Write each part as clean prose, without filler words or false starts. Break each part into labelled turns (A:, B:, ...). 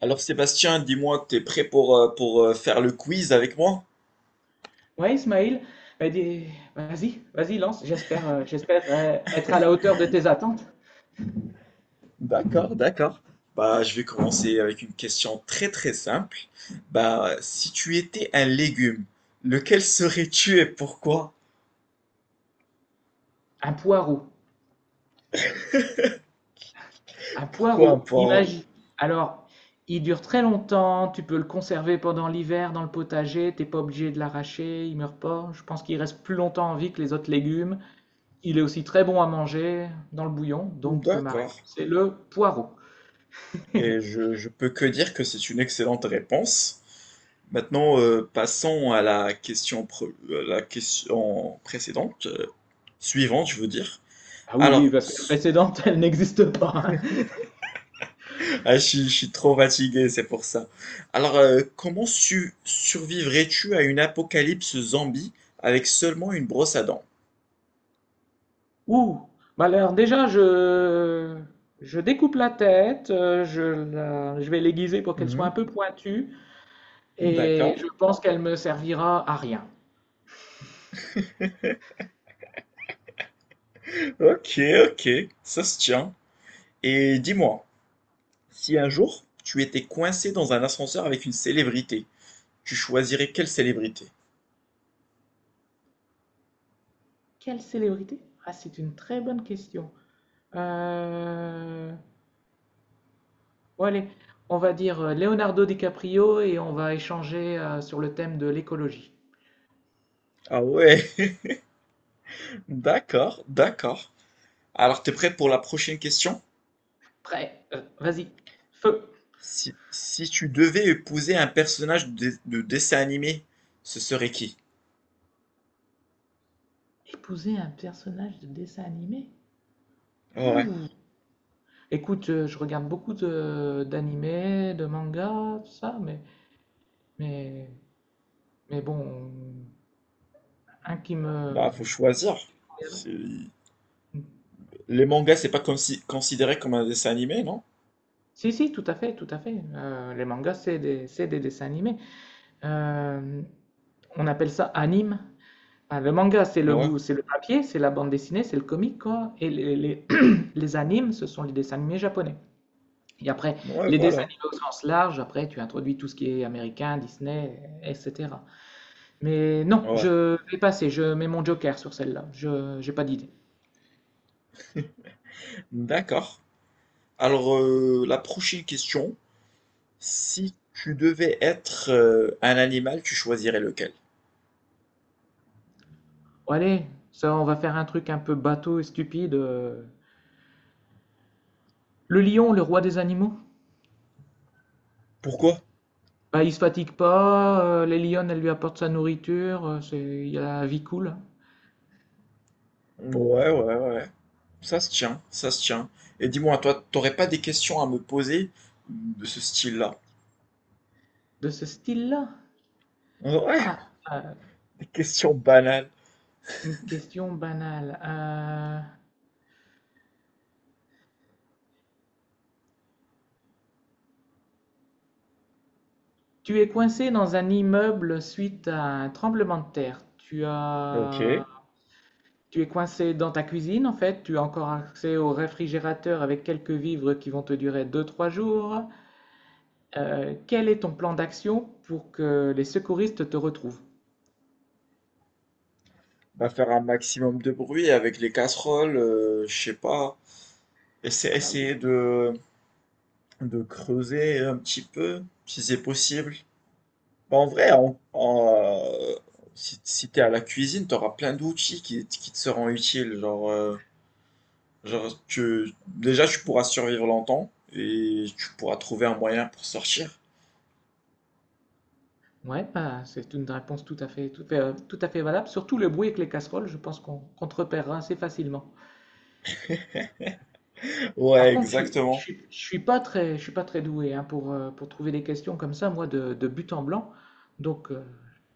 A: Alors Sébastien, dis-moi que tu es prêt pour, pour faire le quiz avec moi?
B: Ouais, Ismaël, bah, dis- vas-y, lance. J'espère, être à la hauteur de tes attentes.
A: D'accord. Je vais commencer avec une question très très simple. Bah, si tu étais un légume, lequel serais-tu et pourquoi?
B: Un poireau. Un
A: Pourquoi un
B: poireau,
A: poireau?
B: imagine. Alors, il dure très longtemps, tu peux le conserver pendant l'hiver dans le potager, t'es pas obligé de l'arracher, il meurt pas. Je pense qu'il reste plus longtemps en vie que les autres légumes. Il est aussi très bon à manger dans le bouillon, donc ma
A: D'accord.
B: réponse c'est le poireau.
A: Et je peux que dire que c'est une excellente réponse. Maintenant, passons à la à la question précédente, suivante, je veux dire.
B: Ah oui, oui,
A: Alors,
B: parce que la précédente, elle n'existe pas.
A: ah, je suis trop fatigué, c'est pour ça. Alors, comment survivrais-tu à une apocalypse zombie avec seulement une brosse à dents?
B: Ouh, bah alors déjà, je découpe la tête, je vais l'aiguiser pour qu'elle soit un
A: Mhm.
B: peu pointue et
A: D'accord.
B: je pense qu'elle me servira à rien.
A: Ok, ok, ça se tient. Et dis-moi, si un jour tu étais coincé dans un ascenseur avec une célébrité, tu choisirais quelle célébrité?
B: Quelle célébrité? Ah, c'est une très bonne question. Euh, bon, allez, on va dire Leonardo DiCaprio et on va échanger sur le thème de l'écologie.
A: Ah ouais, d'accord, d'accord. Alors, t'es prêt pour la prochaine question?
B: Prêt? Vas-y, feu!
A: Si tu devais épouser un personnage de dessin animé, ce serait qui?
B: Épouser un personnage de dessin animé?
A: Ouais.
B: Écoute, je regarde d'animés, de mangas, tout ça, mais Mais, mais bon, un qui me...
A: Bah, faut choisir. C'est- les mangas, c'est pas considéré comme un dessin animé, non?
B: Si, si, tout à fait, tout à fait. Les mangas, c'est des dessins animés. Euh, on appelle ça anime. Ah, le manga,
A: Ouais,
B: c'est le papier, c'est la bande dessinée, c'est le comic, quoi. Et les animes, ce sont les dessins animés japonais. Et après,
A: ouais,
B: les dessins
A: voilà.
B: animés au sens large, après, tu introduis tout ce qui est américain, Disney, etc. Mais non,
A: Ouais,
B: je vais passer, je mets mon joker sur celle-là. Je n'ai pas d'idée.
A: d'accord. Alors, la prochaine question, si tu devais être un animal, tu choisirais lequel?
B: Bon, allez, ça, on va faire un truc un peu bateau et stupide. Le lion, le roi des animaux.
A: Pourquoi?
B: Bah, il se fatigue pas, les lionnes, elles lui apportent sa nourriture, il a la vie cool, hein.
A: Ouais, ouais, ouais. Ça se tient, ça se tient. Et dis-moi, toi, t'aurais pas des questions à me poser de ce style-là?
B: De ce style-là?
A: Ouais,
B: Ah, euh,
A: des questions banales.
B: une question banale. Tu es coincé dans un immeuble suite à un tremblement de terre. Tu
A: Ok.
B: as... Tu es coincé dans ta cuisine, en fait. Tu as encore accès au réfrigérateur avec quelques vivres qui vont te durer deux trois jours. Quel est ton plan d'action pour que les secouristes te retrouvent?
A: Bah, faire un maximum de bruit avec les casseroles, je sais pas. Et c'est
B: Ah bah oui.
A: essayer de creuser un petit peu, si c'est possible. Bah, en vrai, si, si t'es à la cuisine, t'auras plein d'outils qui te seront utiles. Genre, genre déjà, tu pourras survivre longtemps et tu pourras trouver un moyen pour sortir.
B: Ouais, bah, c'est une réponse tout à fait, tout à fait valable. Surtout le bruit avec les casseroles, je pense qu'on te repérera assez facilement. Par
A: Ouais,
B: contre,
A: exactement.
B: je suis pas très, je suis pas très doué hein, pour trouver des questions comme ça, moi, de but en blanc. Donc,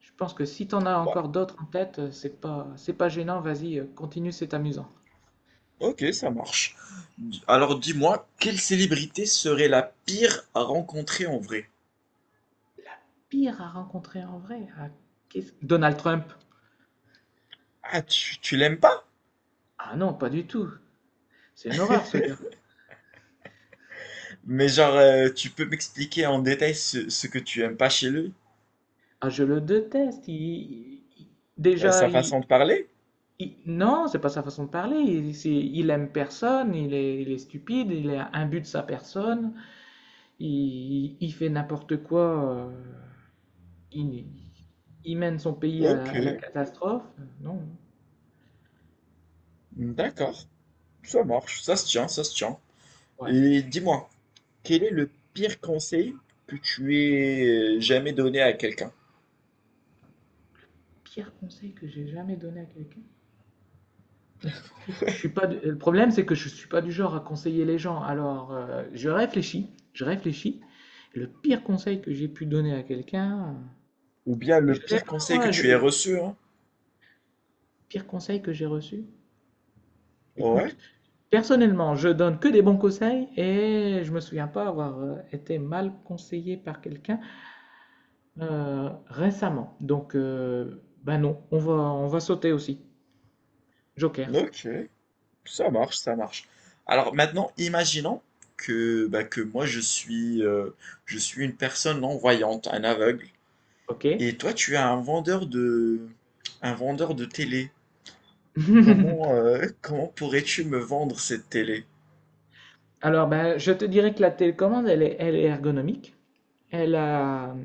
B: je pense que si t'en as
A: Ouais,
B: encore d'autres en tête, c'est pas gênant. Vas-y, continue, c'est amusant.
A: ok, ça marche. Alors dis-moi, quelle célébrité serait la pire à rencontrer en vrai?
B: Pire à rencontrer en vrai. Donald Trump.
A: Ah, tu l'aimes pas?
B: Ah non, pas du tout. C'est une horreur, ce gars.
A: Mais genre, tu peux m'expliquer en détail ce que tu aimes pas chez lui?
B: Ah, je le déteste. Déjà,
A: Sa façon de parler?
B: non, c'est pas sa façon de parler. Il aime personne. Il est stupide. Il est imbu de sa personne. Il fait n'importe quoi. il, il mène son pays
A: Ok,
B: à la catastrophe. Non,
A: d'accord, ça marche, ça se tient, ça se tient.
B: ouais.
A: Et dis-moi, quel est le pire conseil que tu aies jamais donné à quelqu'un?
B: Pire conseil que j'ai jamais donné à quelqu'un. Je suis pas. Du- Le problème, c'est que je suis pas du genre à conseiller les gens. Alors, je réfléchis. Je réfléchis. Le pire conseil que j'ai pu donner à quelqu'un.
A: Ou bien
B: Je
A: le
B: sais
A: pire
B: pas,
A: conseil que
B: moi,
A: tu aies reçu, hein?
B: pire conseil que j'ai reçu.
A: Ouais,
B: Écoute, personnellement, je donne que des bons conseils et je me souviens pas avoir été mal conseillé par quelqu'un récemment. Donc, bah non, on va sauter aussi. Joker,
A: ok, ça marche, ça marche. Alors maintenant, imaginons que, bah, que moi je suis une personne non-voyante, un aveugle.
B: ok.
A: Et toi, tu es un vendeur de télé. Comment, comment pourrais-tu me vendre cette télé?
B: Alors, ben, je te dirais que la télécommande, elle est ergonomique. Elle a,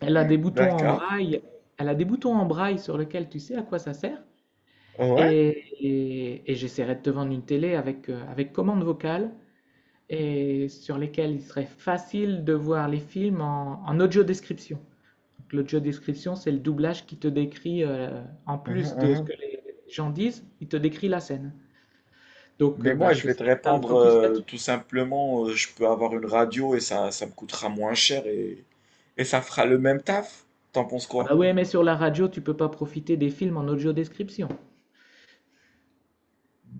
B: elle a des boutons en
A: D'accord.
B: braille. Elle a des boutons en braille sur lesquels tu sais à quoi ça sert.
A: Ouais.
B: Et j'essaierais de te vendre une télé avec, avec commande vocale et sur lesquelles il serait facile de voir les films en audio description. Donc l'audio description, c'est le doublage qui te décrit, en
A: Mhm,
B: plus de ce
A: mhm.
B: que les gens disent, il te décrit la scène. Donc
A: Mais
B: bah,
A: moi, je vais te
B: j'essaierai de faire le
A: répondre
B: focus là-dessus.
A: tout simplement, je peux avoir une radio et ça me coûtera moins cher et ça fera le même taf. T'en penses
B: Ah bah,
A: quoi?
B: ouais, mais sur la radio, tu peux pas profiter des films en audio description.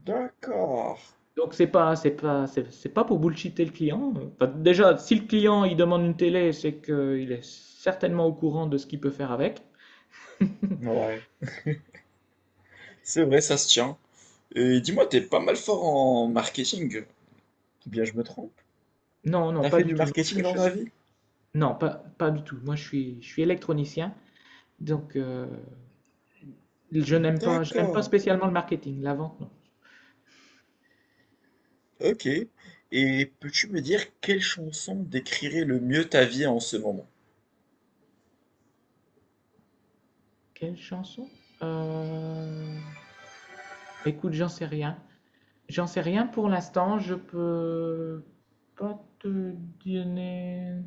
A: D'accord.
B: Donc c'est pas pour bullshiter le client. Enfin, déjà, si le client il demande une télé, c'est qu'il est certainement au courant de ce qu'il peut faire avec.
A: Ouais. C'est vrai, ça se tient. Et dis-moi, t'es pas mal fort en marketing. Ou bien je me trompe.
B: Non, non,
A: T'as
B: pas
A: fait
B: du
A: du
B: tout. Non,
A: marketing dans ta vie?
B: non, pas du tout. Moi, je suis électronicien, donc je n'aime pas
A: D'accord.
B: spécialement le marketing, la vente, non.
A: OK. Et peux-tu me dire quelle chanson décrirait le mieux ta vie en ce moment?
B: Quelle chanson? Euh, Écoute, j'en sais rien. J'en sais rien pour l'instant. Je peux pas te donner.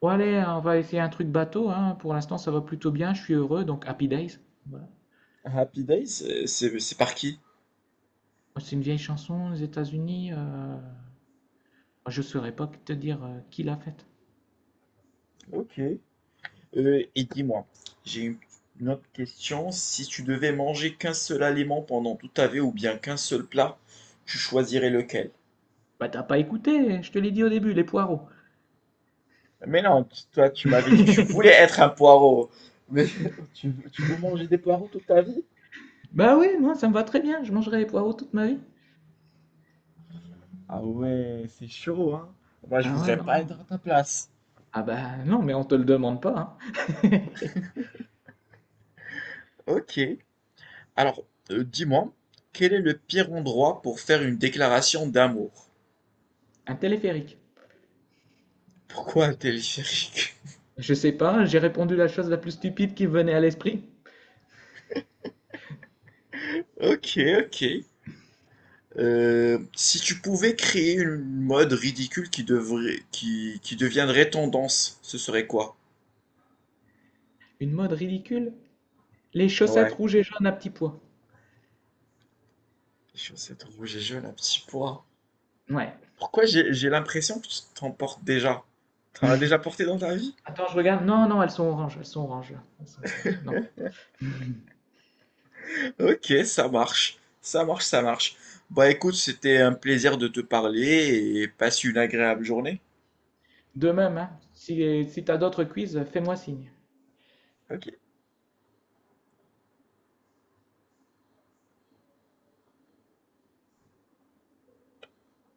B: Bon allez, on va essayer un truc bateau, hein. Pour l'instant, ça va plutôt bien, je suis heureux, donc Happy Days. Voilà.
A: Happy Days, c'est par qui?
B: C'est une vieille chanson des États-Unis. Je saurais pas te dire qui l'a faite.
A: OK. Et dis-moi, j'ai une autre question. Si tu devais manger qu'un seul aliment pendant toute ta vie ou bien qu'un seul plat, tu choisirais lequel?
B: Bah t'as pas écouté, je te l'ai dit au début, les poireaux.
A: Mais non, tu toi, tu m'avais dit que tu voulais être un poireau. Mais tu veux manger des poireaux toute ta vie?
B: Bah oui, moi ça me va très bien, je mangerai les poireaux toute ma vie.
A: Ah ouais, c'est chaud, hein. Moi, je
B: Ah ouais,
A: voudrais pas
B: non.
A: être à ta place.
B: Ah bah non, mais on te le demande pas, hein.
A: OK. Alors, dis-moi, quel est le pire endroit pour faire une déclaration d'amour?
B: Un téléphérique.
A: Pourquoi un téléphérique?
B: Je sais pas, j'ai répondu la chose la plus stupide qui me venait à l'esprit.
A: OK, OK. Si tu pouvais créer une mode ridicule qui devrait qui deviendrait tendance, ce serait quoi?
B: Une mode ridicule. Les chaussettes
A: Ouais.
B: rouges et jaunes à petits pois.
A: Les chaussettes rouges et jaunes à petits pois.
B: Ouais,
A: Pourquoi j'ai l'impression que tu t'en portes déjà? Tu en as déjà porté dans ta vie?
B: attends, je regarde. Non, non, elles sont oranges. Elles sont oranges. Elles sont Non.
A: OK, ça marche. Ça marche, ça marche. Bah, écoute, c'était un plaisir de te parler et passe une agréable journée.
B: De même, hein, si, si tu as d'autres quiz, fais-moi signe.
A: OK.